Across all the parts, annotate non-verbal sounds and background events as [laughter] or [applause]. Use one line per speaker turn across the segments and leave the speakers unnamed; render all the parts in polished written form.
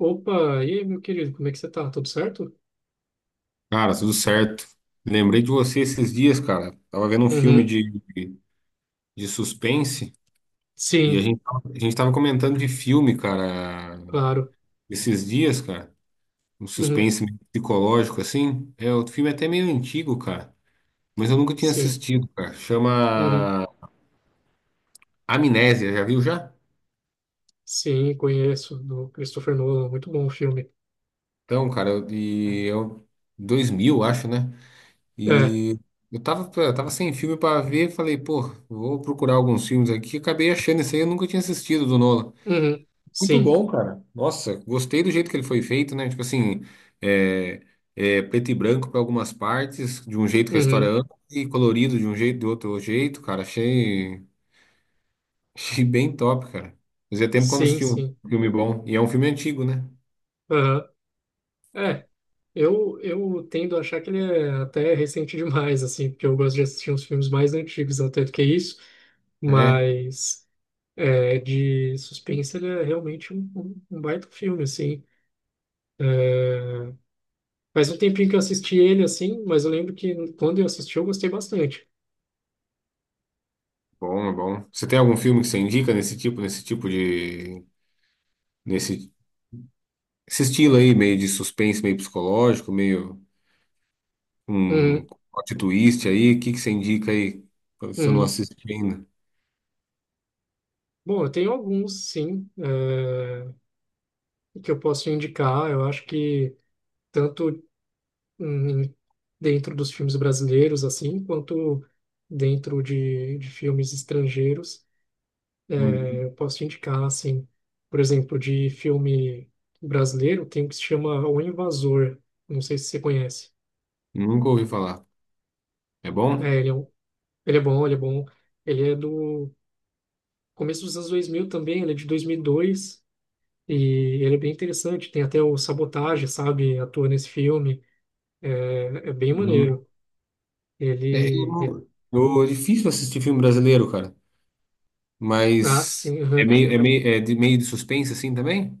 Opa, e aí, meu querido, como é que você tá? Tudo certo?
Cara, tudo certo. Lembrei de você esses dias, cara. Tava vendo um filme
Uhum,
de, de suspense e
sim,
a gente tava comentando de filme, cara,
claro.
esses dias, cara. Um
Uhum,
suspense meio psicológico, assim. É, o filme é até meio antigo, cara. Mas eu nunca tinha
sim,
assistido, cara.
uhum,
Chama Amnésia, já viu já?
sim, conheço, do Christopher Nolan, muito bom o filme.
Então, cara, e eu 2000 acho, né?
É,
E tava sem filme pra ver, falei, pô, vou procurar alguns filmes aqui. Acabei achando esse aí, eu nunca tinha assistido do Nolan.
uhum,
Muito
sim,
bom, cara. Nossa, gostei do jeito que ele foi feito, né? Tipo assim, é, é preto e branco para algumas partes, de um jeito que a história
uhum,
anda, e colorido de um jeito, do outro jeito, cara. [laughs] Achei bem top, cara. Fazia tempo que eu não
sim,
assistia um
sim,
filme bom. E é um filme antigo, né?
aham. É, eu tendo a achar que ele é até recente [laughs] demais, assim, porque eu gosto de assistir uns filmes mais antigos até do que isso,
É,
mas é, de suspense ele é realmente um baita filme, assim. Faz um tempinho que eu assisti ele, assim, mas eu lembro que quando eu assisti eu gostei bastante.
bom, é bom. Você tem algum filme que você indica nesse tipo de, nesse, esse estilo aí, meio de suspense, meio psicológico, meio um
Uhum,
plot twist aí? O que que você indica aí, se eu não
uhum.
assisti ainda?
Bom, eu tenho alguns, sim, que eu posso indicar. Eu acho que tanto hum, dentro dos filmes brasileiros, assim, quanto dentro de filmes estrangeiros,
Hum.
eu posso indicar, assim, por exemplo, de filme brasileiro, tem um que se chama O Invasor. Não sei se você conhece.
Nunca ouvi falar. É
É,
bom?
ele é bom, ele é bom. Ele é do começo dos anos 2000 também, ele é de 2002 e dois, e ele é bem interessante. Tem até o Sabotage, sabe? Atua nesse filme. É, é bem
Uhum.
maneiro.
É,
Ele. é-
é difícil assistir filme brasileiro, cara.
Ah,
Mas
sim,
é
aham.
meio, é meio, é de, meio de suspense assim também?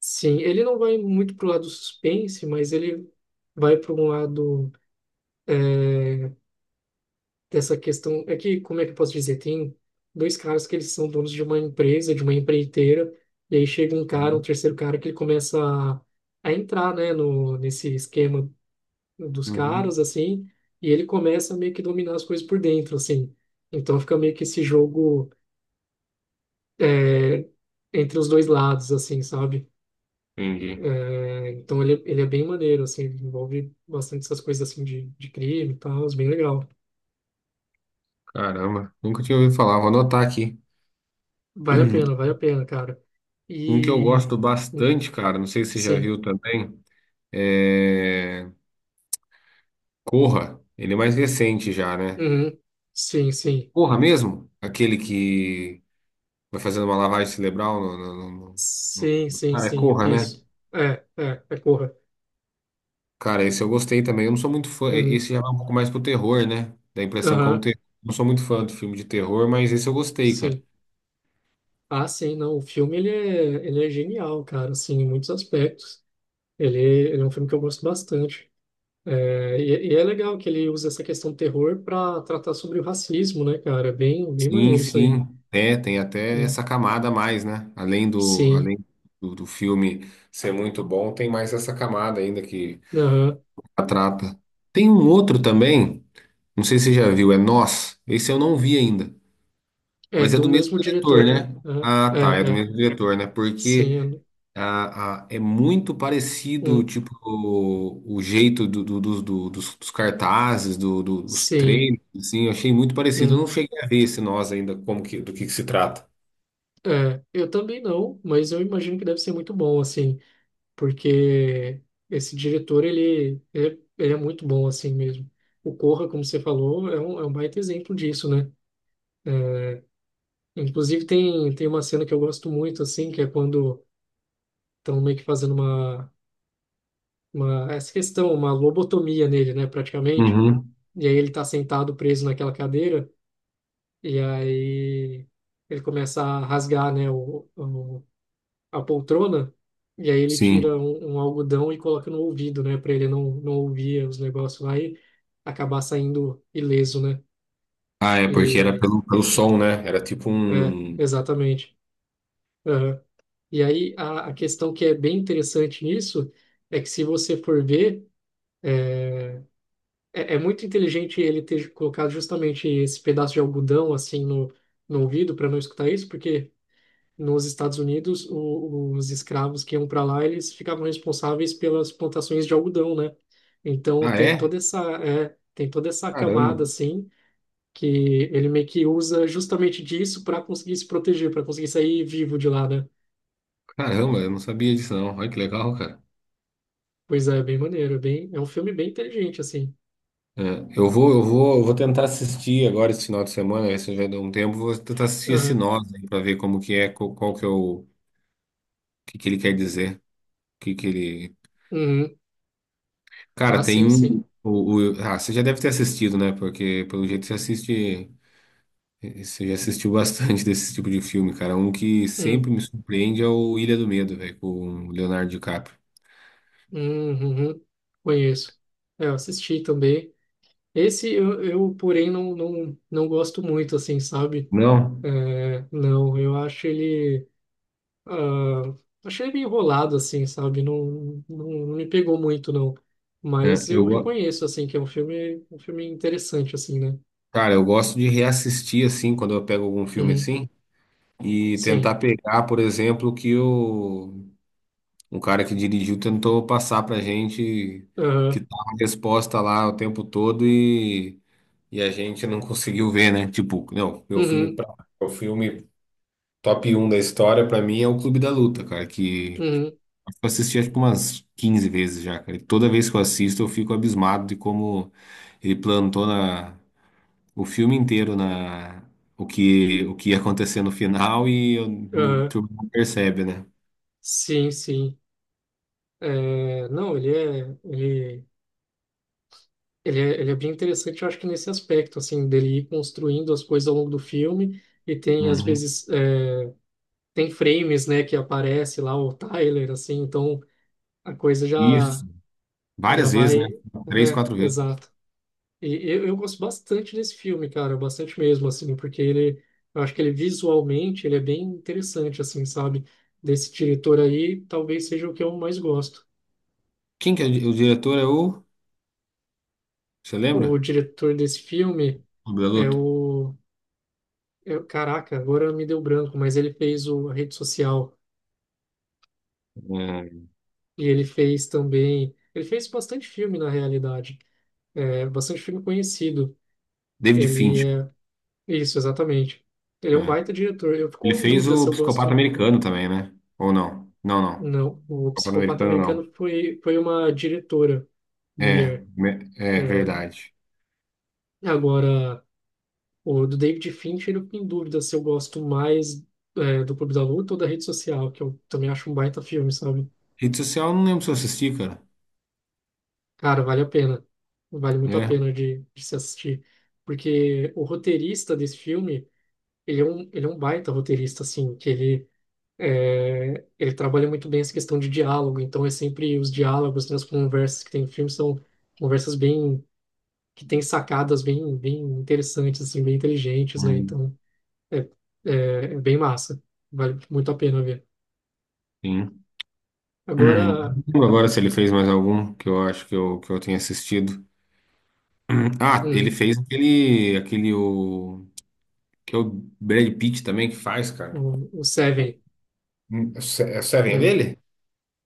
Sim, ele não vai muito pro lado suspense, mas ele vai para um lado dessa questão. É que, como é que eu posso dizer? Tem dois caras que eles são donos de uma empresa, de uma empreiteira, e aí chega um cara, um
Uhum.
terceiro cara, que ele começa a entrar, né, no, nesse esquema dos caras,
Uhum.
assim, e ele começa a meio que dominar as coisas por dentro, assim. Então fica meio que esse jogo é, entre os dois lados, assim, sabe?
Entendi.
É, então ele é bem maneiro, assim, ele envolve bastante essas coisas, assim, de crime e tal, é bem legal.
Caramba, nunca tinha ouvido falar. Vou anotar aqui.
Vale
[clears throat]
a pena, cara.
Um que eu
E...
gosto bastante, cara. Não sei se você já
Sim.
viu também. É Corra. Ele é mais recente já, né?
Uhum. Sim, sim.
Corra mesmo? Aquele que vai fazendo uma lavagem cerebral no- no-
Sim,
no-
sim,
Cara, é
sim.
Corra, né?
Isso. É Corra.
Cara, esse eu gostei também. Eu não sou muito fã.
Uhum.
Esse já vai um pouco mais pro terror, né? Dá a impressão que é um
Aham,
terror. Não sou muito fã do filme de terror, mas esse eu gostei, cara.
sim. Ah, sim, não. O filme ele é genial, cara, assim, em muitos aspectos. Ele é um filme que eu gosto bastante. É, e é legal que ele usa essa questão do terror para tratar sobre o racismo, né, cara? É bem, bem
Sim,
maneiro isso aí.
sim. É, tem até
Hum,
essa camada a mais, né? Além do,
Sim.
além do, do filme ser muito bom, tem mais essa camada ainda que
Aham.
a trata. Tem um outro também, não sei se você já viu, é Nós. Esse eu não vi ainda.
É
Mas é
do
do mesmo
mesmo
diretor,
diretor, né?
né?
Aham.
Ah,
É,
tá. É do
é.
mesmo diretor, né?
Sim.
Porque. É muito parecido,
Hum.
tipo, o jeito dos cartazes, dos
Sim.
treinos, assim, eu achei muito parecido. Eu não
Hum.
cheguei a ver esse nós ainda, como que, do que se trata.
É. Eu também não, mas eu imagino que deve ser muito bom, assim. Porque esse diretor, ele é muito bom assim mesmo. O Corra, como você falou, é é um baita exemplo disso, né? É, inclusive tem, tem uma cena que eu gosto muito, assim, que é quando estão meio que fazendo essa questão, uma lobotomia nele, né, praticamente.
Uhum,
E aí ele tá sentado preso naquela cadeira, e aí ele começa a rasgar, né, o a poltrona, e aí ele
sim.
tira um, um algodão e coloca no ouvido, né, para ele não, não ouvir os negócios lá e acabar saindo ileso, né?
Ah, é, porque era
E,
pelo som, né? Era tipo
é,
um.
exatamente. Aham. E aí a questão que é bem interessante nisso é que se você for ver, é, é é muito inteligente ele ter colocado justamente esse pedaço de algodão assim no ouvido para não escutar isso, porque nos Estados Unidos, o, os escravos que iam para lá, eles ficavam responsáveis pelas plantações de algodão, né? Então
Ah,
tem
é?
toda essa, é, tem toda essa
Caramba,
camada assim que ele meio que usa justamente disso para conseguir se proteger, para conseguir sair vivo de lá, né?
caramba, eu não sabia disso, não. Olha que legal, cara.
Pois é, bem maneiro, é bem, é um filme bem inteligente assim.
É, eu vou tentar assistir agora esse final de semana, esse já deu um tempo, vou tentar assistir esse
Aham.
nós aí pra ver como que é, qual que é o que que ele quer dizer. Que ele...
Uhum. Ah,
Cara, tem
sim, sim.
um... Ah, você já deve ter assistido, né? Porque, pelo jeito, você assiste... Você já assistiu bastante [laughs] desse tipo de filme, cara. Um que
Hum,
sempre me surpreende é o Ilha do Medo, velho, com o Leonardo DiCaprio.
uhum. Conheço. É, eu assisti também. Esse eu porém, não, não, não gosto muito, assim, sabe?
Não,
É, não, eu acho ele. Ah, achei ele meio enrolado, assim, sabe? Não, não, não me pegou muito, não.
é,
Mas
eu...
eu
go-
reconheço, assim, que é um filme interessante, assim, né?
Cara, eu gosto de reassistir, assim, quando eu pego algum filme
Uhum,
assim, e
sim.
tentar pegar, por exemplo, o que o... Um cara que dirigiu tentou passar pra gente que
Ah,
tá a resposta lá o tempo todo e... E a gente não conseguiu ver, né? Tipo, não,
uhum,
meu filme top um da história, pra mim, é o Clube da Luta, cara, que
uhum,
eu assisti acho que umas 15 vezes já, cara. E toda vez que eu assisto, eu fico abismado de como ele plantou na, o filme inteiro na, o que ia acontecer no final
ah,
tu não percebe, né?
sim, sim. É, não, ele é bem interessante, eu acho que nesse aspecto, assim, dele ir construindo as coisas ao longo do filme. E tem, às
Uhum.
vezes, é, tem frames, né, que aparece lá o Tyler, assim, então a coisa já.
Isso.
Já
Várias vezes, né?
vai.
Três,
É,
quatro vezes.
exato. E eu gosto bastante desse filme, cara, bastante mesmo, assim, porque ele, eu acho que ele visualmente, ele é bem interessante, assim, sabe? Desse diretor aí, talvez seja o que eu mais gosto.
Quem que é o diretor? É o. Você
O
lembra?
diretor desse filme
Clube da
é
Luta?
é, caraca, agora me deu branco, mas ele fez o a Rede Social
É,
e ele fez também, ele fez bastante filme na realidade, é, bastante filme conhecido.
David
Ele
Fincher.
é Isso, exatamente. Ele é um
É.
baita diretor. Eu
Ele
fico em
fez
dúvida se
o
eu
Psicopata
gosto.
Americano também, né? Ou não? Não, não.
Não, o
Psicopata
Psicopata
Americano
Americano
não.
foi, foi uma diretora
É,
mulher.
é
É,
verdade.
agora, o do David Fincher, eu fico em dúvida se eu gosto mais é, do Clube da Luta ou da Rede Social, que eu também acho um baita filme, sabe?
Rede social, eu não lembro se eu assisti, cara.
Cara, vale a pena. Vale muito a
É.
pena de se assistir. Porque o roteirista desse filme, ele é um baita roteirista, assim, que ele é, ele trabalha muito bem essa questão de diálogo, então é sempre os diálogos, né, as conversas que tem no filme são conversas bem, que tem sacadas bem, bem interessantes, assim, bem inteligentes, né,
Hum,
então é, é, é bem massa, vale muito a pena ver.
Sim. [clears throat]
Agora,
Não lembro agora se ele fez mais algum que eu acho que eu tenha assistido. Ah, ele
hum,
fez aquele, aquele que é o Brad Pitt também que faz, cara.
o Seven,
É o Se- é o Seven
hum,
dele?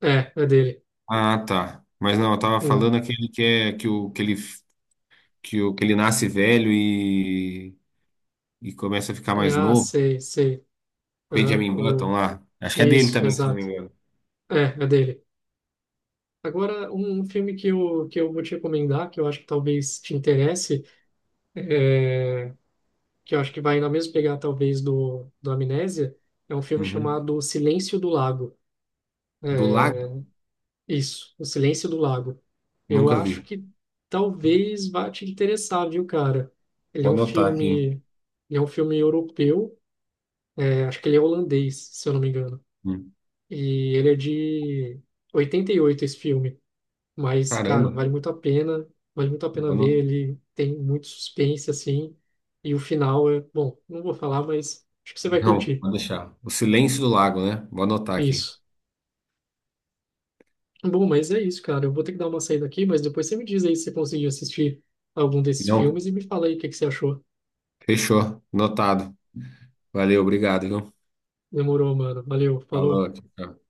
é, é dele.
Ah, tá. Mas não, eu tava
Hum,
falando aquele que ele nasce velho e começa a ficar mais
ah,
novo.
sei, sei, aham,
Benjamin Button lá. Acho que é dele
isso,
também, se não me
exato,
engano.
é, é dele. Agora, um filme que que eu vou te recomendar, que eu acho que talvez te interesse, é que eu acho que vai na mesma pegada, talvez, do, do Amnésia, é um filme
Uhum.
chamado Silêncio do Lago.
Do
É,
Lago?
isso, O Silêncio do Lago. Eu
Nunca
acho
vi.
que talvez vá te interessar, viu, cara? Ele é
Vou
um
anotar aqui.
filme, ele é um filme europeu, é, acho que ele é holandês, se eu não me engano.
Hum.
E ele é de 88 esse filme, mas cara,
Caramba.
vale muito a pena, vale muito a pena
Vou
ver,
ano-
ele tem muito suspense assim, e o final é, bom, não vou falar, mas acho que você vai
Não,
curtir.
vou deixar. O Silêncio do Lago, né? Vou anotar aqui.
Isso. Bom, mas é isso, cara. Eu vou ter que dar uma saída aqui, mas depois você me diz aí se você conseguiu assistir algum desses
Não,
filmes e me fala aí o que que você achou.
fechou. Anotado. Valeu, obrigado, viu?
Demorou, mano. Valeu, falou.
Falou. Tchau, tchau.